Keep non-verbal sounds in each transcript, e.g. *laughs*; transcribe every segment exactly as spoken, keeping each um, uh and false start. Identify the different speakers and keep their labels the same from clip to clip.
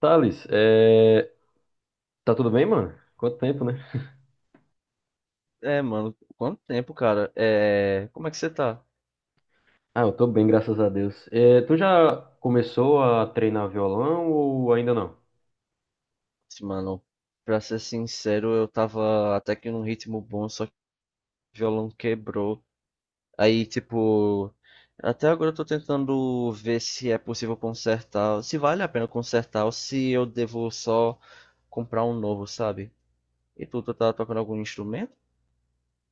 Speaker 1: Thales, é, tá tudo bem, mano? Quanto tempo, né?
Speaker 2: É, mano, quanto tempo, cara? É, como é que você tá?
Speaker 1: Ah, eu tô bem, graças a Deus. É, tu já começou a treinar violão ou ainda não?
Speaker 2: Assim, mano, pra ser sincero, eu tava até que num ritmo bom, só que o violão quebrou. Aí, tipo, até agora eu tô tentando ver se é possível consertar, se vale a pena consertar ou se eu devo só comprar um novo, sabe? E tu, tu tá tocando algum instrumento?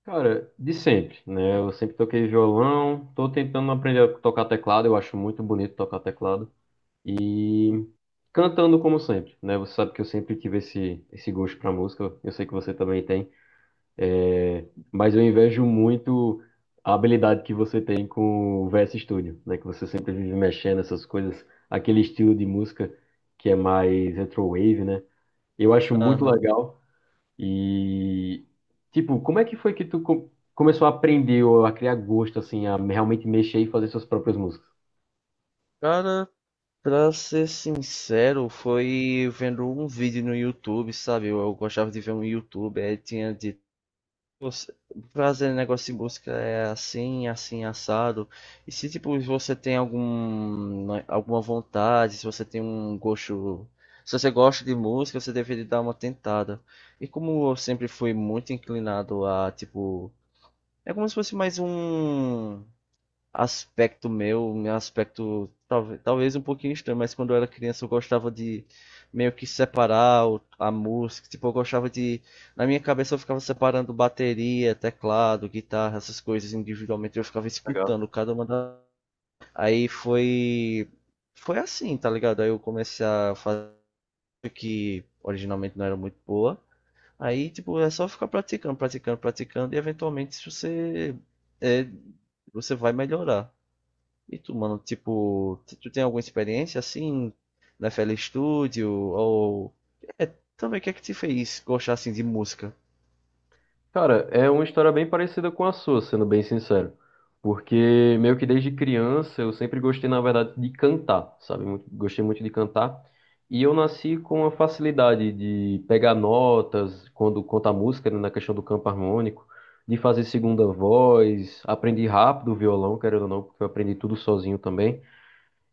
Speaker 1: Cara, de sempre, né? Eu sempre toquei violão, tô tentando aprender a tocar teclado, eu acho muito bonito tocar teclado. E cantando como sempre, né? Você sabe que eu sempre tive esse, esse gosto pra música, eu sei que você também tem. É, mas eu invejo muito a habilidade que você tem com o V S Studio, né? Que você sempre vive mexendo essas coisas, aquele estilo de música que é mais retrowave, né? Eu acho muito
Speaker 2: Aham.
Speaker 1: legal e tipo, como é que foi que tu co- começou a aprender ou a criar gosto assim, a realmente mexer e fazer suas próprias músicas?
Speaker 2: Cara, pra ser sincero, foi vendo um vídeo no YouTube, sabe? Eu, eu gostava de ver um YouTube, aí tinha de você, fazer negócio de busca é assim, assim, assado. E se tipo você tem algum, né, alguma vontade, se você tem um gosto, se você gosta de música, você deveria dar uma tentada. E como eu sempre fui muito inclinado a tipo, é como se fosse mais um aspecto meu, meu aspecto talvez, talvez um pouquinho estranho, mas quando eu era criança eu gostava de meio que separar o- a música, tipo, eu gostava de, na minha cabeça eu ficava separando bateria, teclado, guitarra, essas coisas individualmente, eu ficava
Speaker 1: Legal.
Speaker 2: escutando cada uma da... Aí foi foi assim, tá ligado? Aí eu comecei a fazer, originalmente não era muito boa. Aí, tipo, é só ficar praticando, praticando, praticando e eventualmente se você é, você vai melhorar. E tu, mano, tipo, t- tu tem alguma experiência assim na F L Studio ou é, também o que é que te fez gostar assim de música?
Speaker 1: Cara, é uma história bem parecida com a sua, sendo bem sincero. Porque meio que desde criança eu sempre gostei, na verdade, de cantar, sabe? Muito- Gostei muito de cantar. E eu nasci com a facilidade de pegar notas quando conta a música, né, na questão do campo harmônico, de fazer segunda voz, aprendi rápido o violão, querendo ou não, porque eu aprendi tudo sozinho também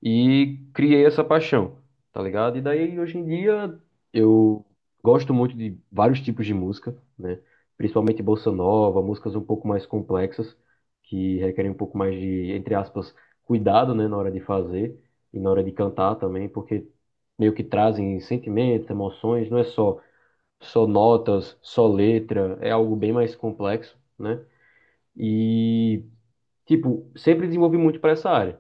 Speaker 1: e criei essa paixão, tá ligado? E daí hoje em dia eu gosto muito de vários tipos de música, né? Principalmente bossa nova, músicas um pouco mais complexas, que requerem um pouco mais de, entre aspas, cuidado, né, na hora de fazer e na hora de cantar também, porque meio que trazem sentimentos, emoções, não é só só notas, só letra, é algo bem mais complexo, né? E tipo, sempre desenvolvi muito para essa área.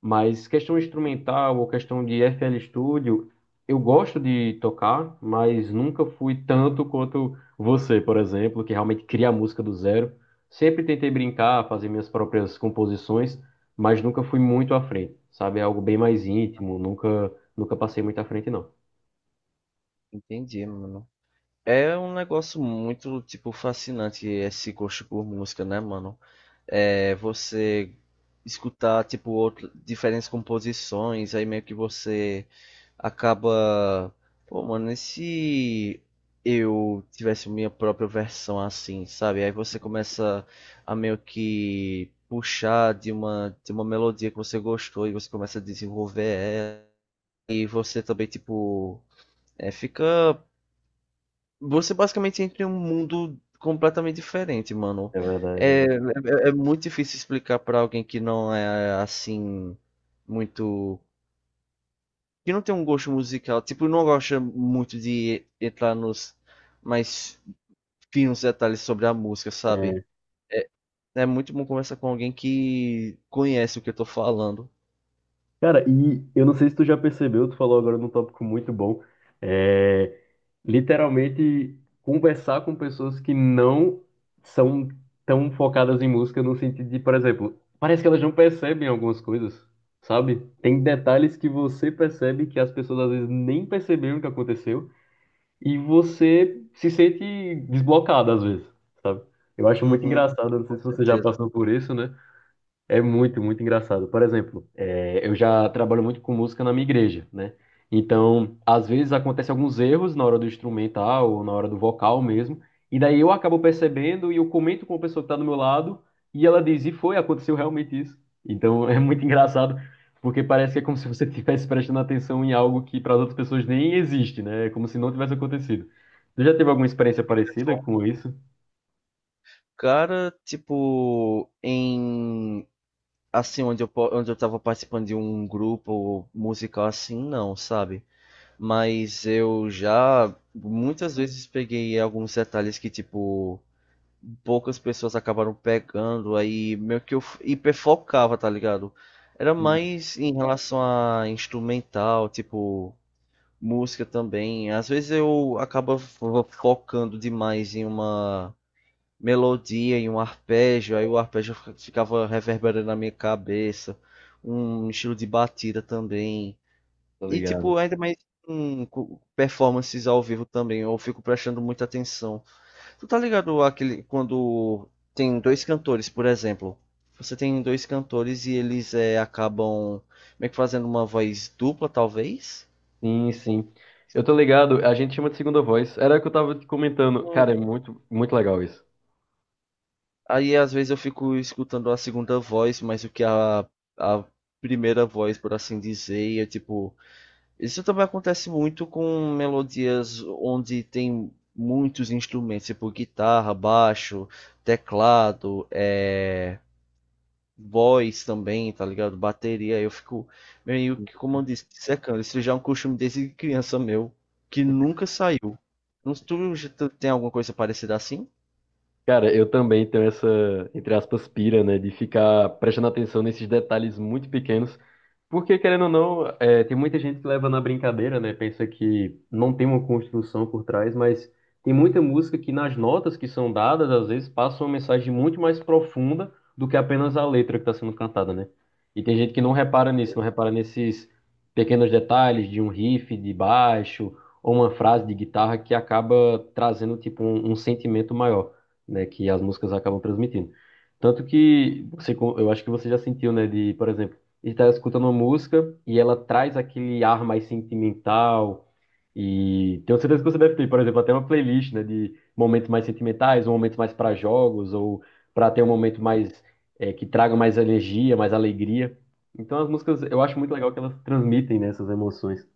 Speaker 1: Mas questão instrumental ou questão de F L Studio, eu gosto de tocar, mas nunca fui tanto quanto você, por exemplo, que realmente cria a música do zero. Sempre tentei brincar, fazer minhas próprias composições, mas nunca fui muito à frente, sabe? É algo bem mais íntimo, nunca, nunca passei muito à frente, não.
Speaker 2: Entendi, mano. É um negócio muito, tipo, fascinante esse gosto por música, né, mano? é, você escutar tipo outro, diferentes composições, aí meio que você acaba, pô, mano, e se eu tivesse minha própria versão assim, sabe? Aí você começa a meio que puxar de uma de uma melodia que você gostou e você começa a desenvolver ela e você também tipo é, fica você basicamente entra em um mundo completamente diferente, mano.
Speaker 1: É verdade.
Speaker 2: É, é, é muito difícil explicar pra alguém que não é assim muito, que não tem um gosto musical, tipo, não gosta muito de entrar nos mais finos detalhes sobre a música, sabe? É muito bom conversar com alguém que conhece o que eu tô falando.
Speaker 1: Cara, e eu não sei se tu já percebeu, tu falou agora num tópico muito bom, é literalmente conversar com pessoas que não são tão focadas em música no sentido de, por exemplo, parece que elas não percebem algumas coisas, sabe? Tem detalhes que você percebe que as pessoas às vezes nem perceberam que aconteceu e você se sente desblocado às vezes, sabe? Eu acho muito
Speaker 2: Uhum,
Speaker 1: engraçado, não sei
Speaker 2: com
Speaker 1: se você já
Speaker 2: certeza.
Speaker 1: passou por isso, né? É muito, muito engraçado. Por exemplo, é, eu já trabalho muito com música na minha igreja, né? Então, às vezes acontecem alguns erros na hora do instrumental ou na hora do vocal mesmo, e daí eu acabo percebendo e eu comento com a pessoa que está do meu lado e ela diz: e foi, aconteceu realmente isso. Então, *laughs* é muito engraçado porque parece que é como se você *laughs* estivesse prestando atenção em algo que para as outras pessoas nem existe, né? É como se não tivesse acontecido. Você já teve alguma experiência parecida com isso?
Speaker 2: Cara, tipo, em assim, onde eu, po- onde eu tava participando de um grupo musical assim, não, sabe? Mas eu já muitas vezes peguei alguns detalhes que, tipo, poucas pessoas acabaram pegando, aí meio que eu f- hiperfocava, tá ligado? Era
Speaker 1: Hum.
Speaker 2: mais em relação a instrumental, tipo, música também. Às vezes eu acaba fo- focando demais em uma melodia e um arpejo, aí o arpejo ficava reverberando na minha cabeça, um estilo de batida também.
Speaker 1: Tá
Speaker 2: E
Speaker 1: ligado.
Speaker 2: tipo, ainda mais com com performances ao vivo também, eu fico prestando muita atenção. Tu tá ligado àquele, quando tem dois cantores, por exemplo, você tem dois cantores e eles eh, acabam meio que fazendo uma voz dupla, talvez?
Speaker 1: Sim, sim. Eu tô ligado, a gente chama de segunda voz. Era o que eu tava te comentando. Cara, é muito, muito legal isso.
Speaker 2: Aí às vezes eu fico escutando a segunda voz, mas o que a, a primeira voz, por assim dizer, e é tipo. Isso também acontece muito com melodias onde tem muitos instrumentos, tipo guitarra, baixo, teclado, é, voz também, tá ligado? Bateria. Eu fico meio que, como eu disse, secando. Isso já é um costume desde criança meu, que nunca saiu. Não- Tu já tu tem alguma coisa parecida assim?
Speaker 1: Cara, eu também tenho essa, entre aspas, pira, né, de ficar prestando atenção nesses detalhes muito pequenos, porque, querendo ou não, é, tem muita gente que leva na brincadeira, né, pensa que não tem uma construção por trás, mas tem muita música que nas notas que são dadas, às vezes, passa uma mensagem muito mais profunda do que apenas a letra que está sendo cantada, né? E tem gente que não repara nisso, não repara nesses pequenos detalhes de um riff de baixo ou uma frase de guitarra que acaba trazendo, tipo, um um sentimento maior né, que as músicas acabam transmitindo. Tanto que você, co- eu acho que você já sentiu, né, de, por exemplo, estar escutando uma música e ela traz aquele ar mais sentimental e tenho certeza que você deve ter, por exemplo, até uma playlist, né, de momentos mais sentimentais, ou momentos mais para jogos ou para ter um momento mais eh, que traga mais energia, mais alegria. Então as músicas, eu acho muito legal que elas transmitem, né, essas emoções.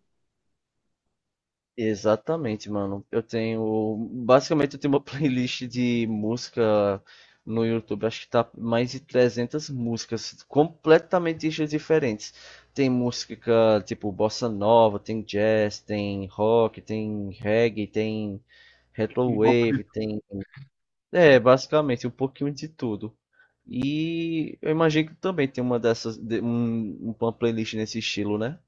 Speaker 2: Exatamente, mano. Eu tenho. Basicamente, eu tenho uma *laughs* playlist de música no YouTube. Acho que tá mais de trezentas músicas completamente estilos diferentes. Tem música tipo bossa nova, tem jazz, tem rock, tem reggae, tem retrowave, tem. É, basicamente, um pouquinho de tudo. E eu imagino que também tem uma dessas. de- um- uma playlist nesse estilo, né?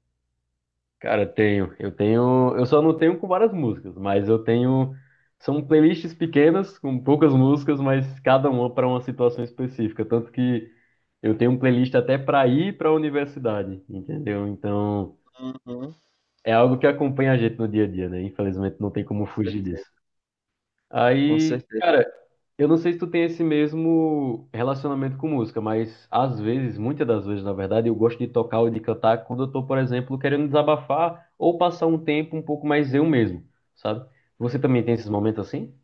Speaker 1: Cara, tenho. Eu tenho. Eu só não tenho com várias músicas, mas eu tenho. São playlists pequenas, com poucas músicas, mas cada uma para uma situação específica. Tanto que eu tenho um playlist até para ir para a universidade, entendeu? Então,
Speaker 2: Uhum,
Speaker 1: é algo que acompanha a gente no dia a dia, né? Infelizmente, não tem como
Speaker 2: com
Speaker 1: fugir disso.
Speaker 2: certeza. Com
Speaker 1: Aí,
Speaker 2: certeza.
Speaker 1: cara, eu não sei se tu tem esse mesmo relacionamento com música, mas às vezes, muitas das vezes, na verdade, eu gosto de tocar ou de cantar quando eu tô, por exemplo, querendo desabafar ou passar um tempo um pouco mais eu mesmo, sabe? Você também tem esses momentos assim?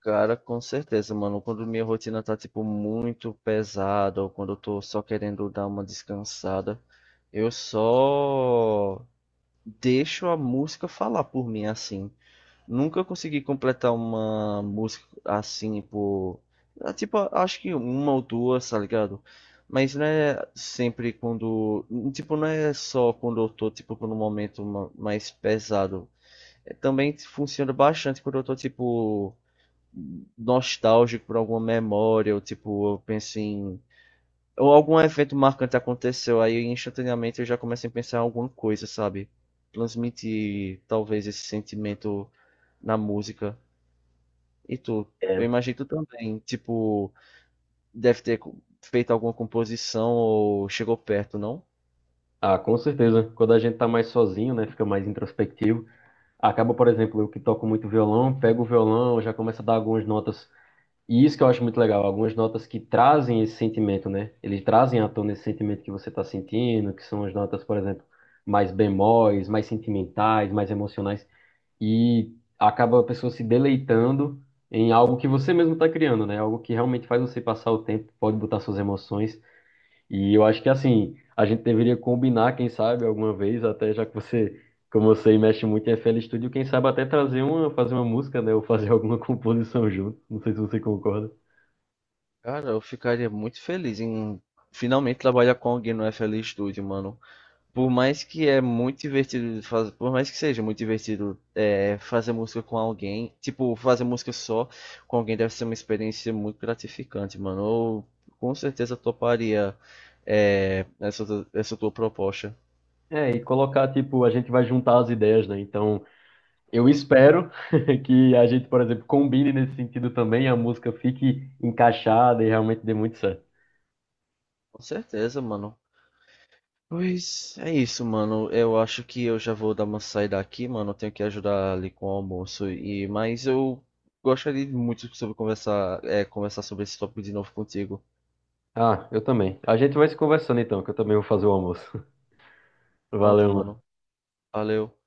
Speaker 2: Cara, com certeza, mano. Quando minha rotina tá, tipo, muito pesada, ou quando eu tô só querendo dar uma descansada, eu só deixo a música falar por mim, assim. Nunca consegui completar uma música assim por. Ah, tipo, acho que uma ou duas, tá ligado? Mas não é sempre quando. Tipo, não é só quando eu tô, tipo, num momento ma- mais pesado. É, também funciona bastante quando eu tô, tipo nostálgico por alguma memória, ou tipo, eu penso em. Ou algum evento marcante aconteceu, aí instantaneamente eu já começo a pensar em alguma coisa, sabe? Transmitir talvez esse sentimento na música. E tu? Eu
Speaker 1: É.
Speaker 2: imagino que tu também, tipo, deve ter co- feito alguma composição ou chegou perto, não?
Speaker 1: Ah, com certeza. Quando a gente tá mais sozinho, né, fica mais introspectivo. Acaba, por exemplo, eu que toco muito violão, pego o violão, já começo a dar algumas notas. E isso que eu acho muito legal, algumas notas que trazem esse sentimento, né? Eles trazem à tona esse sentimento que você está sentindo, que são as notas, por exemplo, mais bemóis, mais sentimentais, mais emocionais, e acaba a pessoa se deleitando em algo que você mesmo está criando, né? Algo que realmente faz você passar o tempo, pode botar suas emoções. E eu acho que assim, a gente deveria combinar, quem sabe, alguma vez, até já que você, como você mexe muito em F L Studio, quem sabe até trazer uma, fazer uma música, né? Ou fazer *laughs* alguma composição junto. Não sei se você concorda.
Speaker 2: Cara, eu ficaria muito feliz em finalmente trabalhar com alguém no F L Studio, mano. Por mais que é muito divertido, faz- por mais que seja muito divertido é, fazer música com alguém, tipo, fazer música só com alguém deve ser uma experiência muito gratificante, mano. Eu com certeza toparia é, essa, tu- essa tua proposta.
Speaker 1: É, e colocar, tipo, a gente vai juntar as ideias, né? Então, eu
Speaker 2: Hum,
Speaker 1: espero *laughs* que a gente, por exemplo, combine nesse sentido também, a música fique encaixada e realmente dê muito certo.
Speaker 2: Com certeza, mano. Pois é isso, mano. Eu acho que eu já vou dar uma saída aqui, mano. Eu tenho que ajudar ali com o almoço e mas eu gostaria muito sobre conversar, é, conversar sobre esse tópico de novo contigo.
Speaker 1: Ah, eu também. A gente vai se conversando então, que eu também vou fazer o almoço. *laughs*
Speaker 2: Pronto,
Speaker 1: Valeu,
Speaker 2: mano.
Speaker 1: mano.
Speaker 2: Valeu.